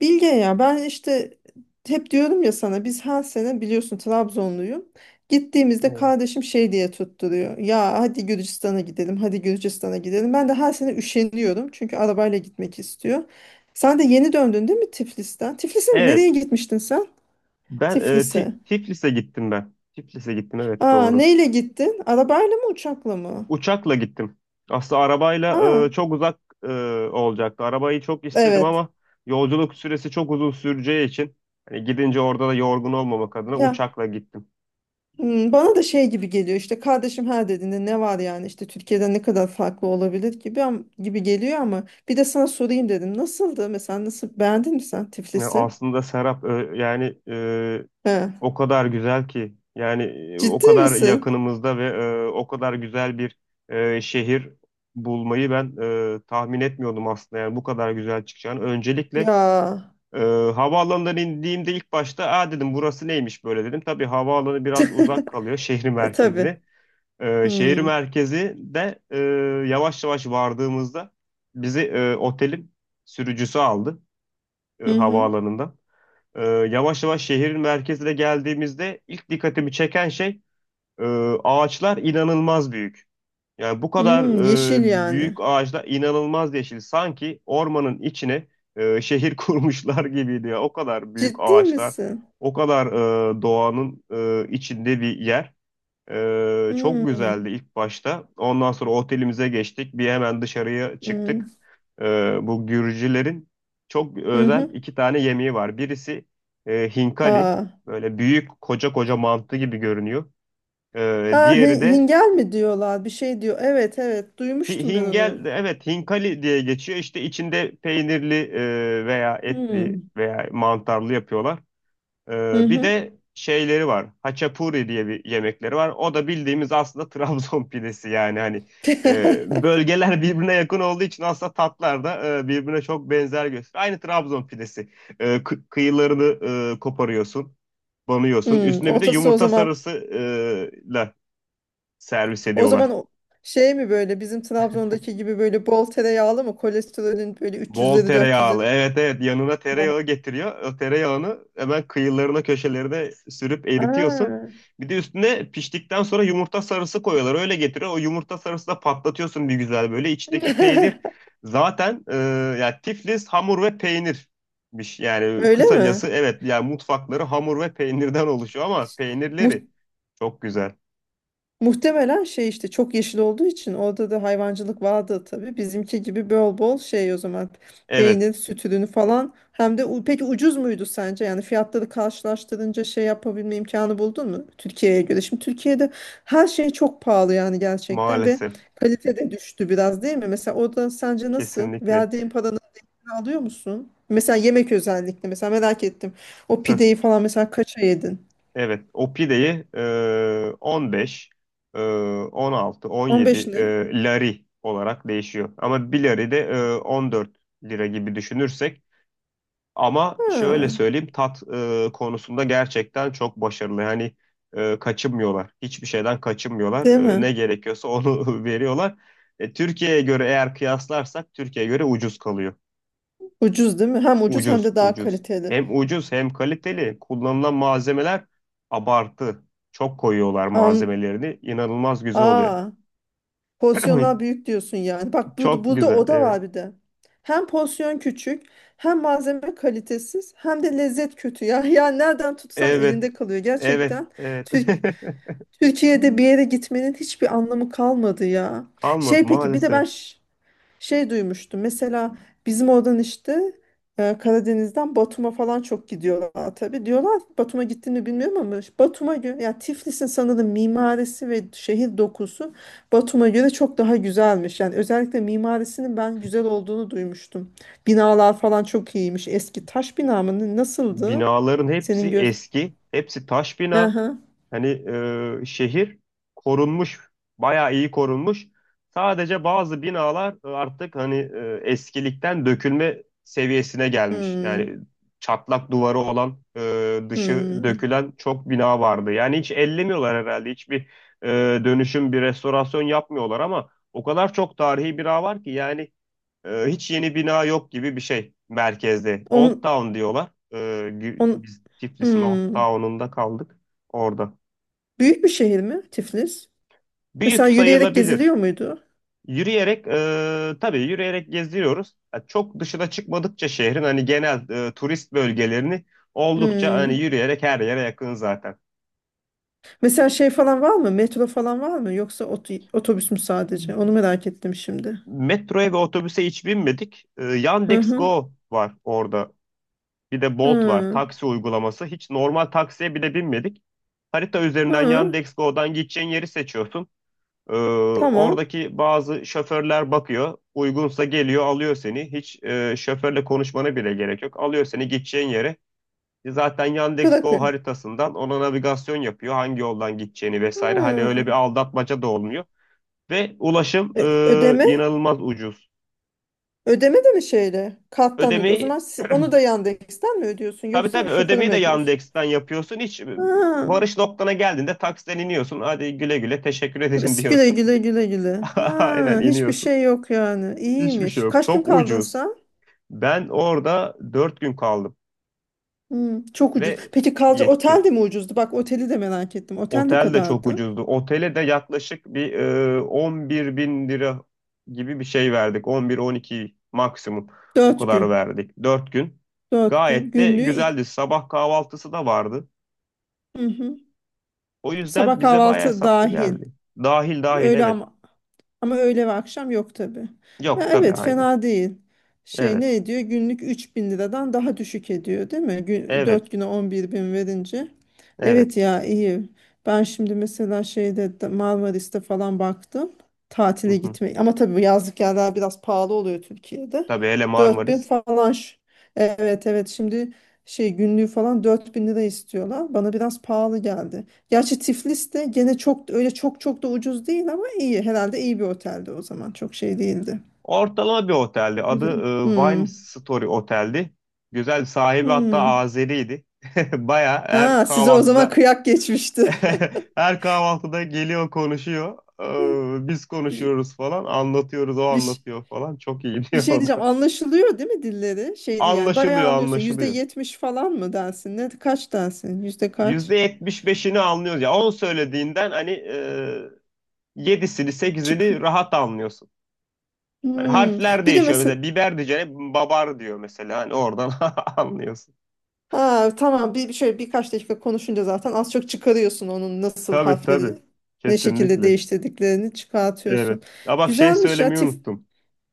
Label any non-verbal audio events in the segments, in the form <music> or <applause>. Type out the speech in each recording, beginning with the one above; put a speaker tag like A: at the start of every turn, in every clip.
A: Bilge ya ben işte hep diyorum ya sana biz her sene biliyorsun Trabzonluyum. Gittiğimizde
B: Evet.
A: kardeşim şey diye tutturuyor. Ya hadi Gürcistan'a gidelim, hadi Gürcistan'a gidelim. Ben de her sene üşeniyorum çünkü arabayla gitmek istiyor. Sen de yeni döndün değil mi Tiflis'ten? Tiflis'e mi? Nereye
B: Evet.
A: gitmiştin sen?
B: Ben
A: Tiflis'e.
B: Tiflis'e gittim ben. Tiflis'e gittim, evet,
A: Aa,
B: doğru.
A: neyle gittin? Arabayla mı uçakla mı?
B: Uçakla gittim. Aslında arabayla
A: Aa,
B: çok uzak olacaktı. Arabayı çok istedim
A: evet.
B: ama yolculuk süresi çok uzun süreceği için hani gidince orada da yorgun olmamak adına
A: Ya.
B: uçakla gittim.
A: Hmm, bana da şey gibi geliyor işte kardeşim her dediğinde ne var yani işte Türkiye'den ne kadar farklı olabilir gibi gibi geliyor ama bir de sana sorayım dedim. Nasıldı mesela nasıl beğendin mi sen
B: Yani
A: Tiflis'i?
B: aslında Serap, yani,
A: He.
B: o kadar güzel ki yani, o
A: Ciddi
B: kadar
A: misin?
B: yakınımızda ve o kadar güzel bir şehir bulmayı ben tahmin etmiyordum aslında, yani bu kadar güzel çıkacağını. Öncelikle
A: Ya.
B: e, havaalanından indiğimde ilk başta aa dedim, burası neymiş böyle dedim. Tabii havaalanı biraz uzak
A: <laughs>
B: kalıyor şehir
A: E, tabii.
B: merkezine. Şehir
A: Hmm.
B: merkezi de, yavaş yavaş vardığımızda bizi otelin sürücüsü aldı
A: Hı hı.
B: havaalanında. Yavaş yavaş şehrin merkezine geldiğimizde ilk dikkatimi çeken şey e, ağaçlar inanılmaz büyük. Yani bu kadar
A: Hmm, yeşil
B: büyük
A: yani.
B: ağaçlar, inanılmaz yeşil. Sanki ormanın içine şehir <laughs> kurmuşlar gibiydi ya. O kadar büyük
A: Ciddi
B: ağaçlar,
A: misin?
B: o kadar doğanın içinde bir yer. Çok güzeldi
A: Hmm.
B: ilk başta. Ondan sonra otelimize geçtik. Bir hemen dışarıya
A: Hmm.
B: çıktık. Bu Gürcülerin çok
A: Hı
B: özel
A: hı.
B: iki tane yemeği var. Birisi hinkali.
A: Aa.
B: Böyle büyük koca koca mantı gibi görünüyor.
A: Ha
B: Diğeri de
A: hingel mi diyorlar bir şey diyor. Evet, evet, duymuştum ben onu.
B: hingel. Evet, hinkali diye geçiyor. İşte içinde peynirli veya etli
A: Hmm.
B: veya mantarlı yapıyorlar.
A: Hı
B: Bir
A: hı.
B: de şeyleri var. Haçapuri diye bir yemekleri var. O da bildiğimiz aslında <laughs> Trabzon pidesi yani hani
A: <laughs>
B: bölgeler birbirine yakın olduğu için aslında tatlar da birbirine çok benzer gösteriyor. Aynı Trabzon pidesi. Kıyılarını koparıyorsun, banıyorsun.
A: Hmm,
B: Üstüne bir de
A: otası o
B: yumurta
A: zaman
B: sarısı ile servis
A: o
B: ediyorlar.
A: zaman o- şey mi böyle bizim Trabzon'daki gibi böyle bol tereyağlı mı, kolesterolün böyle
B: Bol
A: 300'leri 400'leri
B: tereyağlı. Evet, evet, yanına
A: falan?
B: tereyağı getiriyor. O tereyağını hemen kıyılarına köşelerine sürüp eritiyorsun.
A: Aa,
B: Bir de üstüne piştikten sonra yumurta sarısı koyuyorlar. Öyle getiriyor. O yumurta sarısı da patlatıyorsun bir güzel böyle. İçindeki peynir zaten, yani Tiflis hamur ve peynirmiş. Yani
A: öyle
B: kısacası
A: mi?
B: evet, yani mutfakları hamur ve peynirden oluşuyor ama peynirleri çok güzel.
A: Muhtemelen şey işte çok yeşil olduğu için orada da hayvancılık vardı tabii. Bizimki gibi bol bol şey o zaman,
B: Evet,
A: peynir, süt ürünü falan. Hem de peki ucuz muydu sence? Yani fiyatları karşılaştırınca şey yapabilme imkanı buldun mu? Türkiye'ye göre. Şimdi Türkiye'de her şey çok pahalı yani gerçekten ve
B: maalesef.
A: kalite de düştü biraz değil mi? Mesela orada sence nasıl?
B: Kesinlikle.
A: Verdiğin paranın değerini alıyor musun? Mesela yemek özellikle, mesela merak ettim. O pideyi
B: <laughs>
A: falan mesela kaça yedin?
B: Evet, o pideyi 15, e, 16,
A: 15
B: 17
A: ne?
B: lari olarak değişiyor. Ama bir lari de 14 lira gibi düşünürsek. Ama şöyle
A: Ha,
B: söyleyeyim, tat konusunda gerçekten çok başarılı. Yani kaçınmıyorlar. Hiçbir şeyden kaçınmıyorlar.
A: değil
B: E,
A: mi?
B: ne gerekiyorsa onu <laughs> veriyorlar. E, Türkiye'ye göre, eğer kıyaslarsak Türkiye'ye göre ucuz kalıyor.
A: Ucuz değil mi? Hem ucuz hem
B: Ucuz,
A: de daha
B: ucuz.
A: kaliteli.
B: Hem ucuz hem kaliteli. Kullanılan malzemeler abartı. Çok koyuyorlar
A: Am,
B: malzemelerini. İnanılmaz güzel oluyor.
A: aa, porsiyonlar
B: <clears throat>
A: büyük diyorsun yani. Bak bu,
B: Çok
A: burada
B: güzel.
A: o da
B: Evet.
A: var bir de. Hem porsiyon küçük, hem malzeme kalitesiz, hem de lezzet kötü. Ya, <laughs> ya nereden tutsan
B: Evet.
A: elinde kalıyor.
B: Evet.
A: Gerçekten
B: Evet.
A: Tür- Türkiye'de bir yere
B: <laughs>
A: gitmenin hiçbir anlamı kalmadı ya.
B: Kalmadı
A: Şey peki bir de
B: maalesef.
A: şey duymuştum mesela bizim oradan işte Karadeniz'den Batum'a falan çok gidiyorlar tabii. Diyorlar ki, Batum'a gittiğini bilmiyorum ama işte Batum'a göre ya Tiflis'in sanırım mimarisi ve şehir dokusu Batum'a göre çok daha güzelmiş. Yani özellikle mimarisinin ben güzel olduğunu duymuştum. Binalar falan çok iyiymiş. Eski taş bina mı, nasıldı?
B: Binaların hepsi
A: Senin göz...
B: eski. Hepsi taş bina.
A: Aha.
B: Hani, şehir korunmuş, bayağı iyi korunmuş. Sadece bazı binalar artık hani eskilikten dökülme seviyesine gelmiş.
A: Hmm.
B: Yani çatlak duvarı olan, dışı
A: Hmm.
B: dökülen çok bina vardı. Yani hiç ellemiyorlar herhalde. Hiçbir e, dönüşüm, bir restorasyon yapmıyorlar ama o kadar çok tarihi bina var ki, yani hiç yeni bina yok gibi bir şey merkezde. Old
A: On,
B: Town diyorlar.
A: on,
B: Biz Tiflis'in Old
A: hmm.
B: Town'unda kaldık orada.
A: Büyük bir şehir mi Tiflis?
B: Büyük
A: Mesela yürüyerek
B: sayılabilir.
A: geziliyor muydu?
B: Yürüyerek, tabii yürüyerek geziyoruz. Ya çok dışına çıkmadıkça şehrin hani genel turist bölgelerini oldukça hani
A: Hmm.
B: yürüyerek her yere yakın zaten.
A: Mesela şey falan var mı? Metro falan var mı? Yoksa otobüs mü sadece? Onu merak ettim şimdi.
B: Metroya ve otobüse hiç binmedik. E,
A: Hı
B: Yandex
A: hı.
B: Go var orada. Bir de Bolt var.
A: Hı.
B: Taksi uygulaması. Hiç normal taksiye bile binmedik. Harita üzerinden
A: Hı.
B: Yandex Go'dan gideceğin yeri seçiyorsun. Ee,
A: Tamam.
B: Oradaki bazı şoförler bakıyor. Uygunsa geliyor, alıyor seni. Hiç şoförle konuşmana bile gerek yok. Alıyor seni gideceğin yere. E, zaten Yandex.Go
A: Bırakıyor.
B: haritasından ona navigasyon yapıyor. Hangi yoldan gideceğini vesaire. Hani öyle
A: Hı.
B: bir aldatmaca da olmuyor. Ve ulaşım
A: E, ödeme?
B: inanılmaz ucuz.
A: Ödeme de mi şeyle? Karttan ödüyor. O
B: Ödemeyi
A: zaman
B: <clears throat>
A: onu da Yandex'ten mi ödüyorsun?
B: tabii
A: Yoksa
B: tabii
A: şoföre
B: ödemeyi
A: mi
B: de
A: ödüyorsun?
B: Yandex'ten yapıyorsun. Hiç
A: Ha.
B: varış noktana geldiğinde taksiden iniyorsun. Hadi güle güle, teşekkür ederim
A: Biz güle
B: diyorsun.
A: güle, güle güle.
B: <laughs> Aynen
A: Ha. Hiçbir
B: iniyorsun.
A: şey yok yani.
B: Hiçbir şey
A: İyiymiş.
B: yok.
A: Kaç
B: Çok
A: gün kaldın
B: ucuz.
A: sen?
B: Ben orada 4 gün kaldım
A: Hmm, çok ucuz.
B: ve
A: Peki kalacak otel
B: yetti.
A: de mi ucuzdu? Bak oteli de merak ettim. Otel ne
B: Otel de çok
A: kadardı?
B: ucuzdu. Otele de yaklaşık bir, 11 bin lira gibi bir şey verdik. 11-12 maksimum o
A: Dört
B: kadar
A: gün.
B: verdik. 4 gün.
A: Dört gün.
B: Gayet de
A: Günlüğü.
B: güzeldi. Sabah kahvaltısı da vardı.
A: Hı hı.
B: O
A: Sabah
B: yüzden bize bayağı
A: kahvaltı
B: hesaplı
A: dahil.
B: geldi. Dahil, dahil,
A: Öğle
B: evet.
A: ama, ama öğle ve akşam yok tabii. Ya
B: Yok tabii,
A: evet,
B: aynen.
A: fena değil. Şey
B: Evet.
A: ne ediyor? Günlük 3.000 liradan daha düşük ediyor değil mi? Gün,
B: Evet.
A: 4 güne 11 bin verince.
B: Evet.
A: Evet ya, iyi. Ben şimdi mesela Marmaris'te falan baktım.
B: Hı
A: Tatile
B: hı.
A: gitmeyi. Ama tabii bu yazlık yerler biraz pahalı oluyor Türkiye'de.
B: Tabii, hele
A: dört bin
B: Marmaris.
A: falan. ş- Evet, evet, şimdi şey günlüğü falan 4.000 lira istiyorlar. Bana biraz pahalı geldi. Gerçi Tiflis de gene çok öyle çok çok da ucuz değil ama iyi. Herhalde iyi bir otelde o zaman. Çok şey değildi.
B: Ortalama bir oteldi. Adı
A: Güzel.
B: Wine
A: Hmm.
B: Story Otel'di. Güzel, sahibi hatta
A: Hmm.
B: Azeriydi. <laughs> Baya her
A: Ha, size o zaman
B: kahvaltıda
A: kıyak geçmişti.
B: <laughs> her kahvaltıda geliyor konuşuyor. E, biz
A: <laughs> Bir,
B: konuşuyoruz falan. Anlatıyoruz, o
A: bir,
B: anlatıyor falan. Çok iyi <laughs>
A: bir
B: diyor
A: şey
B: o
A: diyeceğim.
B: da.
A: Anlaşılıyor değil mi dilleri? Şey değil yani. Bayağı
B: Anlaşılıyor,
A: anlıyorsun. Yüzde
B: anlaşılıyor.
A: yetmiş falan mı dersin? Ne, kaç dersin? Yüzde kaç?
B: %75'ini anlıyoruz. Ya on söylediğinden hani 7'sini
A: Çık.
B: 8'ini rahat anlıyorsun. Hani
A: Hmm.
B: harfler
A: Bir de
B: değişiyor.
A: mesela
B: Mesela biber diyeceğine babar diyor mesela. Hani oradan <laughs> anlıyorsun.
A: ha, tamam, bir şöyle birkaç dakika konuşunca zaten az çok çıkarıyorsun onun nasıl
B: Tabii, tabii.
A: harfleri ne şekilde
B: Kesinlikle.
A: değiştirdiklerini çıkartıyorsun.
B: Evet. Ha bak, şey
A: Güzelmiş ya
B: söylemeyi
A: tif.
B: unuttum.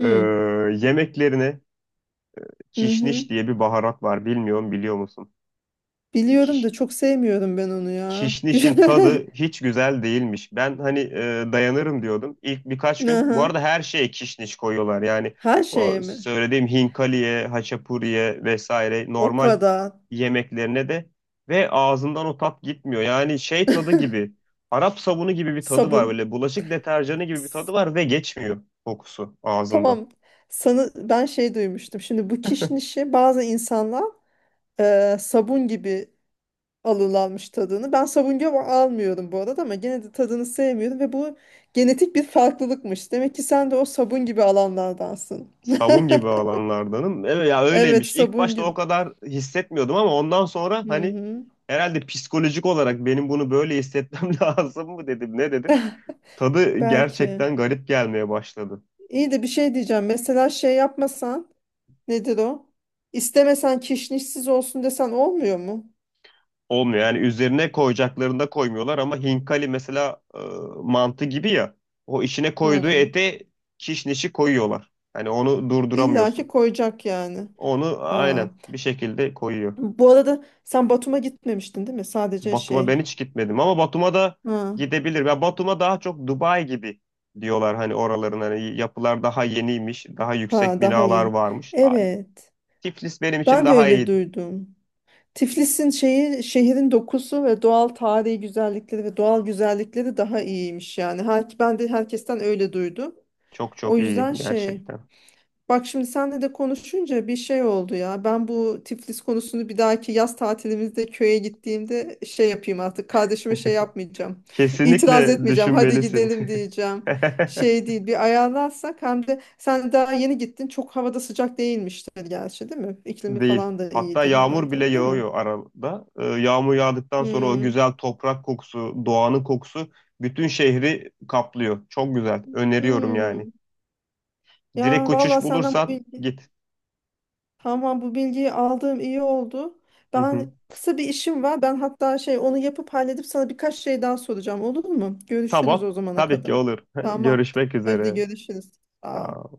B: Ee,
A: Hı.
B: Yemeklerine
A: Hı hı.
B: kişniş diye bir baharat var. Bilmiyorum, biliyor musun?
A: Biliyorum da çok sevmiyorum ben onu ya. <laughs>
B: Kişnişin
A: Güzel.
B: tadı hiç güzel değilmiş. Ben hani dayanırım diyordum. İlk birkaç gün. Bu
A: Aha.
B: arada her şeye kişniş koyuyorlar. Yani
A: Her
B: o
A: şeye mi?
B: söylediğim hinkaliye, haçapuriye vesaire,
A: O
B: normal
A: kadar.
B: yemeklerine de. Ve ağzından o tat gitmiyor. Yani şey tadı gibi. Arap sabunu gibi bir tadı var
A: Sabun.
B: böyle. Bulaşık deterjanı gibi bir tadı
A: S-
B: var ve geçmiyor kokusu ağzında.
A: tamam. Sana, ben şey duymuştum. Şimdi bu kişnişi bazı insanlar sabun gibi alırlarmış tadını. Ben savunga almıyorum bu arada ama gene de tadını sevmiyorum ve bu genetik bir farklılıkmış. Demek ki sen de o sabun gibi alanlardansın.
B: Savun gibi alanlardanım. Evet ya,
A: Evet,
B: öyleymiş. İlk
A: sabun
B: başta
A: gibi.
B: o kadar hissetmiyordum ama ondan sonra
A: Hı
B: hani
A: hı.
B: herhalde psikolojik olarak benim bunu böyle hissetmem <laughs> lazım mı dedim, ne dedim. Tadı
A: Belki.
B: gerçekten garip gelmeye başladı.
A: İyi, de bir şey diyeceğim. Mesela şey yapmasan, nedir o? İstemesen kişnişsiz olsun desen olmuyor mu?
B: Olmuyor, yani üzerine koyacaklarında koymuyorlar ama hinkali mesela, mantı gibi ya, o içine koyduğu
A: Hı.
B: ete kişnişi koyuyorlar. Hani onu
A: İlla ki
B: durduramıyorsun.
A: koyacak yani.
B: Onu
A: Aa.
B: aynen bir şekilde koyuyor.
A: Bu arada sen Batum'a gitmemiştin değil mi? Sadece
B: Batum'a ben
A: şey.
B: hiç gitmedim ama Batum'a da
A: Ha.
B: gidebilir. Ya Batum'a daha çok Dubai gibi diyorlar, hani oraların hani yapılar daha yeniymiş, daha yüksek
A: Ha, daha
B: binalar
A: yeni.
B: varmış. Aa,
A: Evet.
B: Tiflis benim için
A: Ben de
B: daha
A: öyle
B: iyi.
A: duydum. Tiflis'in şeyi, şehrin dokusu ve doğal tarihi güzellikleri ve doğal güzellikleri daha iyiymiş yani. Her, ben de herkesten öyle duydum.
B: Çok
A: O
B: çok iyi
A: yüzden şey,
B: gerçekten.
A: bak şimdi senle de konuşunca bir şey oldu ya. Ben bu Tiflis konusunu bir dahaki yaz tatilimizde köye gittiğimde şey yapayım artık. Kardeşime şey yapmayacağım. <laughs> İtiraz
B: Kesinlikle
A: etmeyeceğim. Hadi
B: düşünmelisin.
A: gidelim diyeceğim.
B: <laughs>
A: Şey değil, bir ayarlarsak hem de sen daha yeni gittin çok havada sıcak değilmiştir gerçi değil mi? İklimi
B: Değil.
A: falan da
B: Hatta
A: iyidir
B: yağmur bile
A: herhalde değil mi?
B: yağıyor arada. Yağmur yağdıktan sonra o
A: Hmm.
B: güzel toprak kokusu, doğanın kokusu bütün şehri kaplıyor. Çok güzel. Öneriyorum yani.
A: Hmm.
B: Direkt
A: Ya valla
B: uçuş
A: senden bu
B: bulursan
A: bilgi,
B: git.
A: tamam, bu bilgiyi aldığım iyi oldu. Ben
B: <laughs>
A: kısa bir işim var. Ben hatta şey onu yapıp halledip sana birkaç şey daha soracağım, olur mu? Görüşürüz
B: Tamam.
A: o zamana
B: Tabii ki
A: kadar.
B: olur. <laughs>
A: Tamam.
B: Görüşmek
A: Hadi
B: üzere.
A: görüşürüz. Aa.
B: Sağ ol.